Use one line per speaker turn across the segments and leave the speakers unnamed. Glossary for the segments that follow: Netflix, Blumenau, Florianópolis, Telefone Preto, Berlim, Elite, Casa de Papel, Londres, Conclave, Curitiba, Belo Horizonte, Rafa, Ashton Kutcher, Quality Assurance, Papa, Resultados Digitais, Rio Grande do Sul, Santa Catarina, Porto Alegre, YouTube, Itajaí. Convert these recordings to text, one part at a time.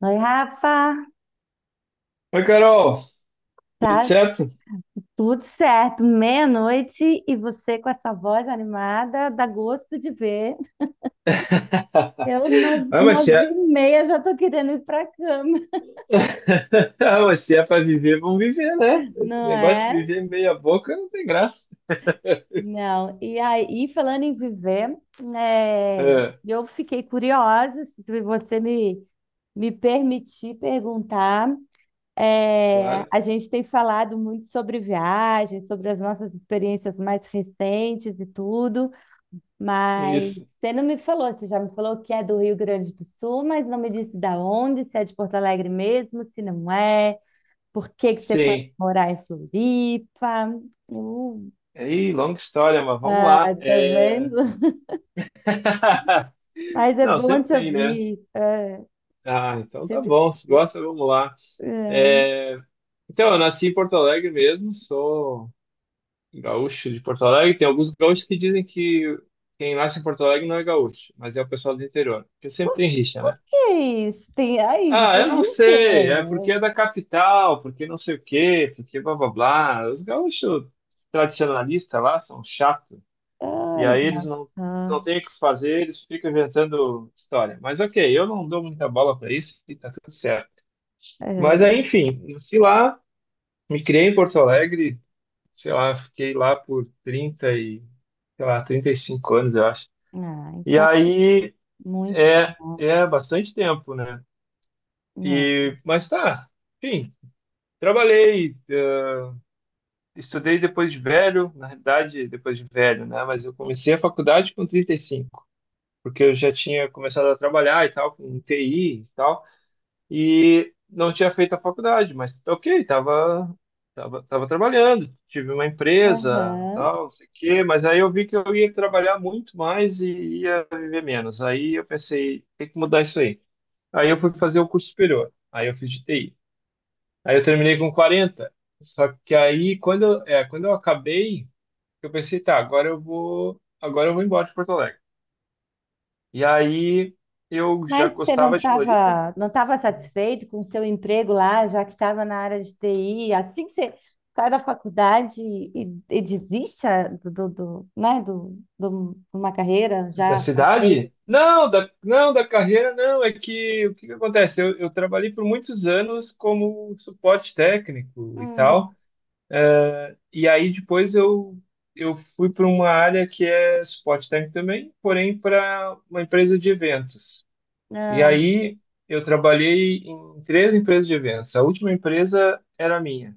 Oi, Rafa,
Oi, Carol, tudo
tá
certo?
tudo certo, meia-noite e você com essa voz animada, dá gosto de ver. Eu,
Ah, mas se
nove
é,
e meia, já tô querendo ir pra cama,
Ah, mas se é para viver, vamos viver, né? Esse
não
negócio de
é?
viver meia boca não tem graça.
Não, e aí, falando em viver, é,
É,
eu fiquei curiosa, se você me, me permitir perguntar,
claro,
a gente tem falado muito sobre viagens, sobre as nossas experiências mais recentes e tudo, mas
isso.
você não me falou, você já me falou que é do Rio Grande do Sul, mas não me disse da onde, se é de Porto Alegre mesmo, se não é, por que que você foi
Sim.
morar em Floripa. Eu-
Aí, longa história, mas vamos
Ah,
lá.
tá vendo? Mas é
Não,
bom
sempre
te
tem, né?
ouvir. É,
Ah, então tá
sempre...
bom, se gosta, vamos lá.
Ai,
É, então, eu nasci em Porto Alegre mesmo, sou gaúcho de Porto Alegre. Tem alguns gaúchos que dizem que quem nasce em Porto Alegre não é gaúcho, mas é o pessoal do interior, porque sempre
por,
tem rixa,
por
né?
que isso? Tem, ai, isso
Ah,
tem
eu não sei, é porque
isso?
é da capital, porque não sei o quê, porque blá blá blá. Os gaúchos tradicionalistas lá são chatos, e aí eles
Olha,
não
ah,
têm o que fazer, eles ficam inventando história. Mas ok, eu não dou muita bola para isso e tá tudo certo. Mas
é.
aí, enfim, nasci lá, me criei em Porto Alegre, sei lá, fiquei lá por sei lá, 35 anos, eu acho.
Ah,
E
então,
aí
muito
é,
bom,
é bastante tempo, né?
né?
E, mas tá, enfim, trabalhei, estudei depois de velho, na realidade, depois de velho, né? Mas eu comecei a faculdade com 35 porque eu já tinha começado a trabalhar e tal, com TI e tal, e não tinha feito a faculdade, mas ok, tava trabalhando, tive uma empresa,
Aham.
tal, não sei o quê, mas aí eu vi que eu ia trabalhar muito mais e ia viver menos. Aí eu pensei, tem que mudar isso aí. Aí eu fui fazer o curso superior, aí eu fiz de TI. Aí eu terminei com 40, só que aí quando eu acabei, eu pensei, tá, agora eu vou embora de Porto Alegre. E aí eu já
Mas você
gostava de Floripa.
não estava satisfeito com o seu emprego lá, já que estava na área de TI? Assim que você sai da faculdade e desiste ah, do, do, do, né, do, do- de uma carreira
Da
já com emprego?
cidade? Não, da, não, da carreira não. É que o que que acontece? Eu trabalhei por muitos anos como suporte técnico e tal.
Hum,
E aí depois eu fui para uma área que é suporte técnico também, porém para uma empresa de eventos. E
ah,
aí eu trabalhei em três empresas de eventos. A última empresa era minha.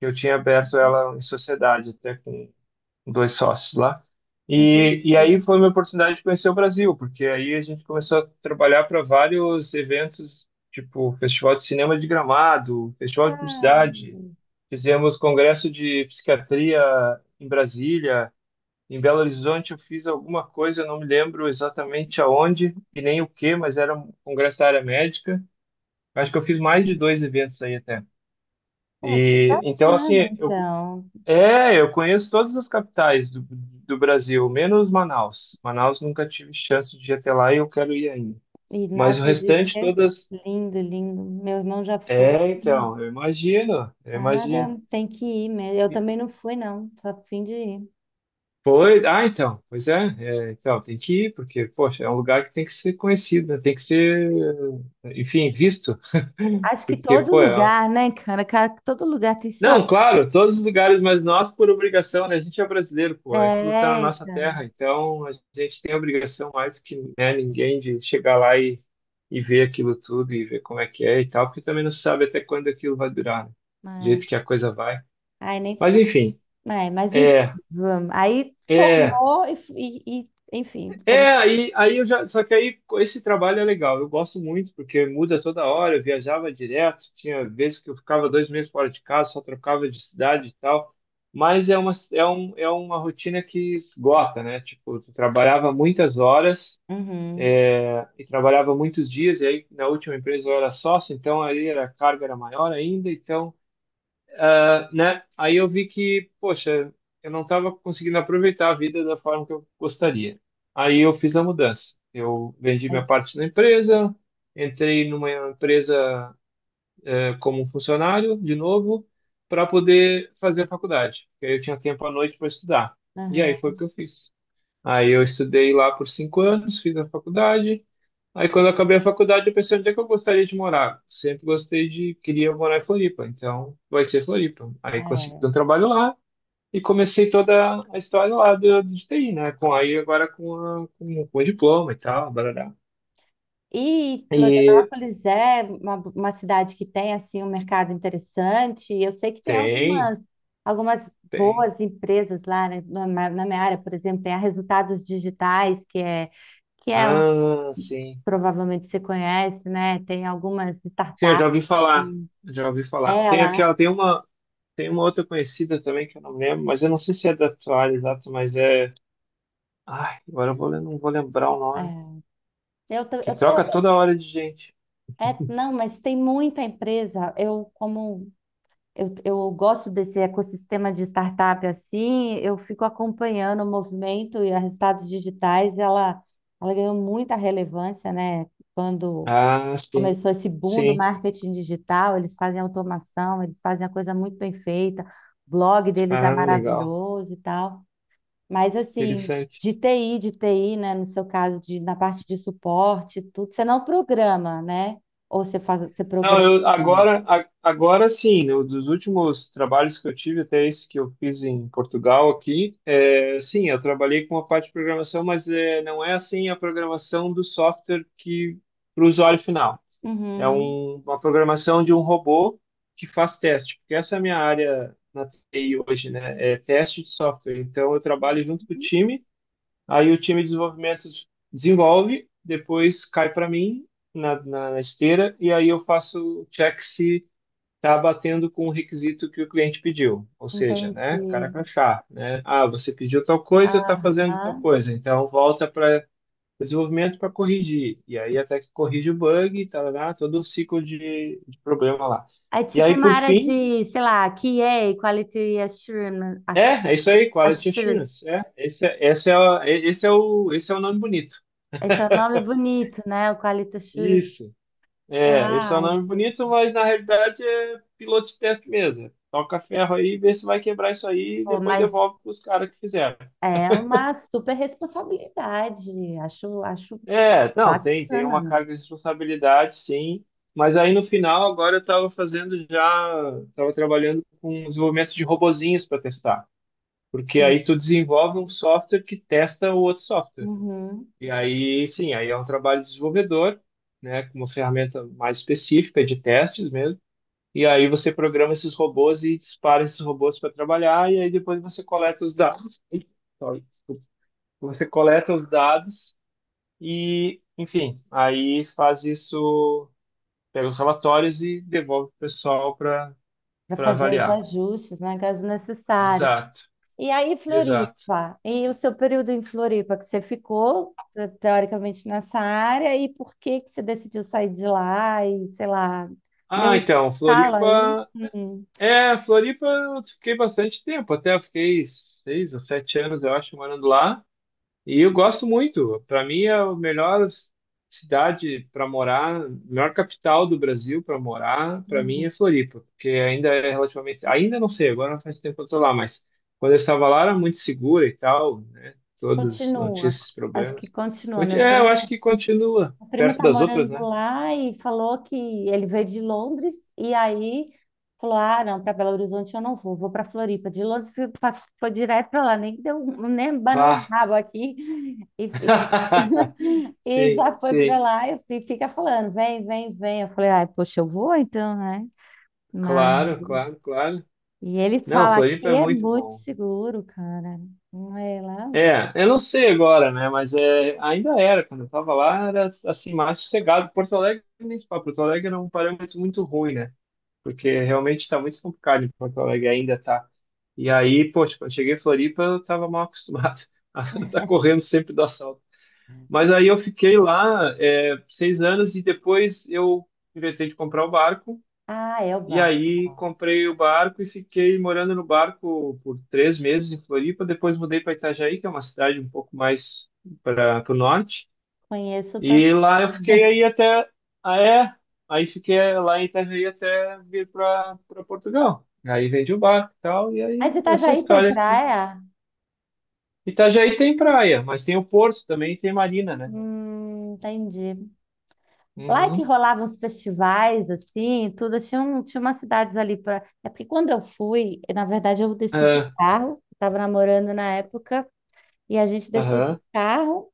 Eu tinha aberto ela em sociedade, até com dois sócios lá.
entendi.
E aí foi uma oportunidade de conhecer o Brasil, porque aí a gente começou a trabalhar para vários eventos, tipo Festival de Cinema de Gramado, Festival de
Ah,
Publicidade. Fizemos congresso de psiquiatria em Brasília, em Belo Horizonte eu fiz alguma coisa, eu não me lembro exatamente aonde e nem o que, mas era um congresso da área médica. Acho que eu fiz mais de dois eventos aí até.
pô, que
E então assim,
bacana,
eu
então.
é, eu conheço todas as capitais do Brasil, menos Manaus. Manaus nunca tive chance de ir até lá e eu quero ir ainda.
E,
Mas o
nossa, ele disse
restante
que é
todas.
lindo, lindo. Meu irmão já foi.
É, então, eu imagino, eu
Cara,
imagino.
tem que ir mesmo. Eu
E-
também não fui, não. Só fim de ir.
Pois, ah, então, pois é, então, tem que ir, porque, poxa, é um lugar que tem que ser conhecido, né? Tem que ser, enfim, visto.
Acho que
Porque,
todo
pô, é um.
lugar, né, cara? Cara, todo lugar tem sua.
Não, claro, todos os lugares, mas nós por obrigação, né? A gente é brasileiro, pô, aquilo tá na
É,
nossa
cara.
terra, então a gente tem a obrigação mais do que, né, ninguém de chegar lá e ver aquilo tudo e ver como é que é e tal, porque também não se sabe até quando aquilo vai durar, né? Do
Ai,
jeito que a coisa vai.
ai, nem
Mas
fala.
enfim,
Ai, mas enfim,
é,
vamos. Aí
é,
formou e, enfim. Come...
Aí eu já, só que aí esse trabalho é legal, eu gosto muito, porque muda toda hora, eu viajava direto, tinha vezes que eu ficava 2 meses fora de casa, só trocava de cidade e tal, mas é uma rotina que esgota, né? Tipo, tu trabalhava muitas horas
Uhum.
e trabalhava muitos dias, e aí na última empresa eu era sócio, então aí era, a carga era maior ainda, então né? Aí eu vi que, poxa, eu não estava conseguindo aproveitar a vida da forma que eu gostaria. Aí eu fiz a mudança. Eu vendi minha
Aí,
parte da empresa, entrei numa empresa como funcionário de novo para poder fazer a faculdade, porque aí eu tinha tempo à noite para estudar. E aí foi o
aham,
que eu fiz. Aí eu estudei lá por 5 anos, fiz a faculdade. Aí quando eu acabei a faculdade, eu pensei onde é que eu gostaria de morar. Sempre gostei de, queria morar em Floripa, então vai ser Floripa. Aí consegui
é.
um trabalho lá e comecei toda a história lá de TI, né? Com aí agora com o diploma e tal, barará.
E
E
Florianópolis é uma cidade que tem assim um mercado interessante. Eu sei que tem
tem,
algumas, algumas
tem.
boas empresas lá, né? Na minha área, por exemplo, tem a Resultados Digitais, que é um
Ah, sim.
provavelmente você conhece, né? Tem algumas
Sim, eu já
startups.
ouvi falar,
Sim.
já ouvi falar.
Ela,
Tem uma outra conhecida também que eu não lembro, mas eu não sei se é da tua área exata, mas é. Ai, agora eu vou, lem- não vou lembrar o nome.
é, eu tô,
Que
eu tô,
troca toda hora de gente.
é, não, mas tem muita empresa. Eu gosto desse ecossistema de startup assim, eu fico acompanhando o movimento e a resultados digitais. Ela ganhou muita relevância, né? Quando
Ah, sim.
começou esse boom do
Sim.
marketing digital, eles fazem automação, eles fazem a coisa muito bem feita. O blog deles é
Ah, legal.
maravilhoso e tal. Mas assim,
Interessante.
de TI, de TI né? No seu caso, de, na parte de suporte, tudo, você não programa, né? Ou você faz, você
Não,
programa.
eu agora, agora sim, dos últimos trabalhos que eu tive, até esse que eu fiz em Portugal aqui, é, sim, eu trabalhei com a parte de programação, mas é, não é assim a programação do software que para o usuário final. É
Uhum,
um, uma programação de um robô que faz teste, porque essa é a minha área na TI hoje, né? É teste de software. Então, eu trabalho junto com o time. Aí o time de desenvolvimento desenvolve, depois cai para mim na esteira, e aí eu faço o check se está batendo com o requisito que o cliente pediu. Ou seja, né, cara
entendi.
crachá, né? Ah, você pediu tal coisa, está fazendo tal
Aham.
coisa, então volta para desenvolvimento para corrigir. E aí até que corrige o bug, tá, lá, todo o ciclo de problema lá.
É
E
tipo
aí,
uma
por
área
fim,
de, sei lá, QA, Quality Assurance.
é,
Assu-
é isso aí, Quality
Assurance.
Assurance. Esse é o nome bonito.
Esse é o nome bonito, né? O Quality Assurance.
Isso. É, esse é um
Ah,
nome bonito, mas na realidade é piloto de teste mesmo. Toca ferro aí, vê se vai quebrar isso aí e
pô,
depois
mas
devolve para os caras que fizeram.
é uma super responsabilidade. Acho, acho
É, não, tem uma
bacana.
carga de responsabilidade, sim. Mas aí no final, agora eu estava fazendo já, estava trabalhando com um desenvolvimento de robozinhos para testar. Porque aí tu desenvolve um software que testa o outro software.
Uhum.
E aí, sim, aí é um trabalho de desenvolvedor, né, com uma ferramenta mais específica de testes mesmo. E aí você programa esses robôs e dispara esses robôs para trabalhar, e aí depois você coleta os dados. Ih, sorry, desculpa. Você coleta os dados e, enfim, aí faz isso, pega os relatórios e devolve para o pessoal para
Para
para
fazer os
avaliar.
ajustes, né, caso necessário.
Exato,
E aí,
exato.
Floripa, e o seu período em Floripa, que você ficou, teoricamente, nessa área, e por que que você decidiu sair de lá e, sei lá, deu
Ah,
um
então,
estalo aí?
Floripa.
Hum,
É, Floripa eu fiquei bastante tempo, até eu fiquei 6 ou 7 anos, eu acho, morando lá. E eu gosto muito. Para mim é a melhor cidade para morar, melhor capital do Brasil para morar. Para mim
hum.
é Floripa, porque ainda é relativamente, ainda não sei, agora não faz tempo que eu tô lá, mas quando eu estava lá era muito segura e tal, né? Todos não tinham
Continua,
esses
acho que
problemas.
continua, meu
É, eu acho
primo.
que continua
A prima
perto
tá
das outras,
morando
né?
lá e falou que ele veio de Londres e aí falou: "Ah, não, para Belo Horizonte eu não vou, vou para Floripa". De Londres foi direto para lá, nem deu, nem banou o
Vá.
rabo aqui e, e
Sim,
já foi para
sim.
lá e fica falando: "Vem, vem, vem". Eu falei: "Ai, poxa, eu vou então, né?". Mas
Claro, claro, claro.
e ele
Não,
fala
Floripa é
que é
muito
muito
bom.
seguro, cara. Não é lá?
É, eu não sei agora, né? Mas é, ainda era, quando eu tava lá, era assim, mais sossegado. Porto Alegre, nem se fala, Porto Alegre era um parâmetro muito ruim, né? Porque realmente está muito complicado em Porto Alegre, ainda tá. E aí, poxa, quando eu cheguei em Floripa, eu tava mal acostumado a estar correndo sempre do assalto. Mas aí eu fiquei lá, é, 6 anos e depois eu inventei de comprar o barco.
Ah, é o
E
bar.
aí comprei o barco e fiquei morando no barco por 3 meses em Floripa. Depois mudei para Itajaí, que é uma cidade um pouco mais para o norte.
Conheço também.
E lá eu fiquei aí até. Ah, é? Aí fiquei lá em Itajaí até vir para Portugal. Aí vendi o barco e tal. E aí
Mas você tá já
essa
tem
história aqui.
praia?
Itajaí tem praia, mas tem o porto também e tem marina, né?
Entendi. Lá é que
Uhum.
rolavam os festivais, assim, tudo. Tinha, um, tinha umas cidades ali para. É porque quando eu fui, na verdade, eu desci de
Ah,
carro, estava namorando na época, e a gente desceu de
aham,
carro,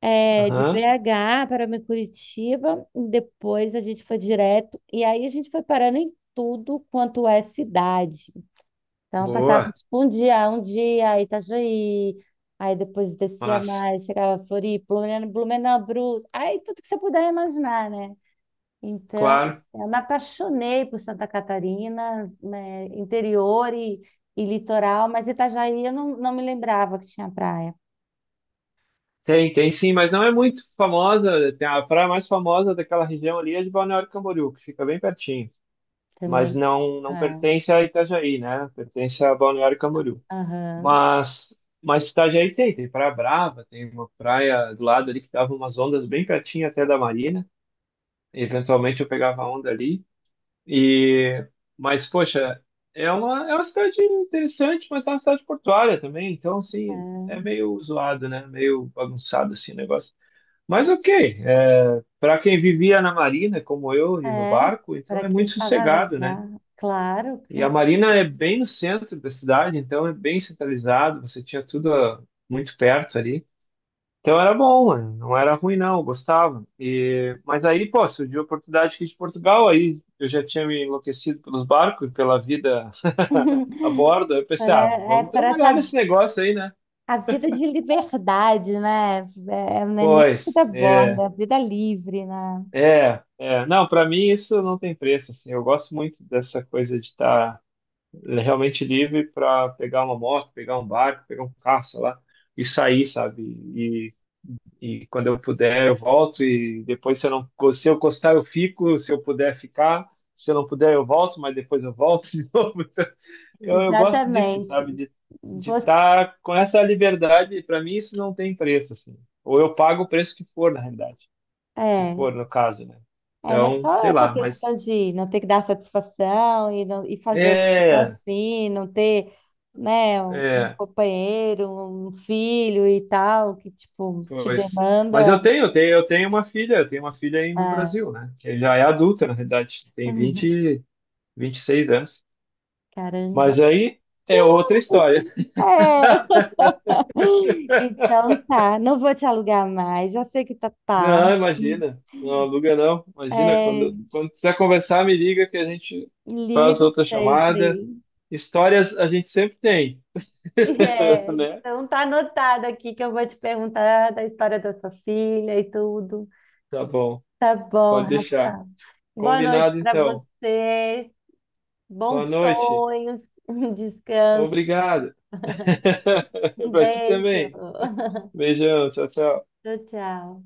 é, de
aham.
BH para Curitiba, e depois a gente foi direto, e aí a gente foi parando em tudo quanto é cidade. Então, eu passava,
Boa.
tipo, um dia, Itajaí, aí depois descia
Mas,
mais, chegava a Floripa, Blumenau, Blumenau, Brus, aí tudo que você puder imaginar, né? Então,
claro.
eu me apaixonei por Santa Catarina, né, e litoral, mas Itajaí eu não, não me lembrava que tinha praia
Tem sim, mas não é muito famosa. Tem a praia mais famosa daquela região ali é de Balneário Camboriú, que fica bem pertinho. Mas
também.
não,
É,
não pertence a Itajaí, né? Pertence a Balneário Camboriú.
aham,
Mas, mas Itajaí tem Praia Brava, tem uma praia do lado ali que dava umas ondas bem pertinho até da marina. Eventualmente eu pegava onda ali. E, mas, poxa, é uma cidade interessante, mas é uma cidade portuária também. Então, assim, é meio zoado, né? Meio bagunçado assim, o negócio. Mas ok, é, para quem vivia na marina, como eu, e no
é, é,
barco, então
para
é
quem
muito
estava no
sossegado, né?
bar, claro,
E
com
a
cer-
marina é bem no centro da cidade, então é bem centralizado, você tinha tudo muito perto ali. Então era bom, mano, não era ruim não, eu gostava. Mas aí, pô, surgiu a oportunidade aqui de Portugal, aí eu já tinha me enlouquecido pelos barcos, e pela vida a bordo, aí eu pensei, ah,
para- é
vamos
para
trabalhar
saber
nesse negócio aí, né?
a vida de liberdade, né? É, é, não é nem
Pois,
vida borda,
é.
é vida livre, né?
Não, para mim isso não tem preço, assim, eu gosto muito dessa coisa de estar realmente livre para pegar uma moto, pegar um barco, pegar um carro, sei lá, e sair, sabe, e, e quando eu puder eu volto e depois se eu não, se eu gostar eu fico, se eu puder ficar, se eu não puder eu volto, mas depois eu volto de novo. Então, eu gosto disso,
Exatamente.
sabe, de
Você,
estar com essa liberdade, para mim isso não tem preço, assim, ou eu pago o preço que for, na realidade se
é,
for no caso, né?
é, mas
Então,
só
sei
essa
lá, mas
questão de não ter que dar satisfação e, não, e fazer o que você está
é,
afim, não ter, né, um
é,
companheiro, um filho e tal, que, tipo, te
pois. Mas
demanda.
eu tenho uma filha aí no
Ah,
Brasil, né? Que já é adulta, na realidade, tem 26 anos.
caramba.
Mas aí é outra história.
É. Então tá, não vou te alugar mais, já sei que tá tarde.
Não, imagina, não aluga não. Imagina,
É,
quando quiser conversar, me liga que a gente faz
ligo
outra
sempre.
chamada. Histórias a gente sempre tem,
É,
né?
então tá anotado aqui que eu vou te perguntar da história da sua filha e tudo.
Tá bom,
Tá bom,
pode deixar.
Rafa. Boa noite
Combinado
para
então.
você.
Boa
Bons
noite.
sonhos. Descanso.
Obrigado.
Um
Pra ti
beijo.
também. Beijão, tchau, tchau.
Tchau, tchau.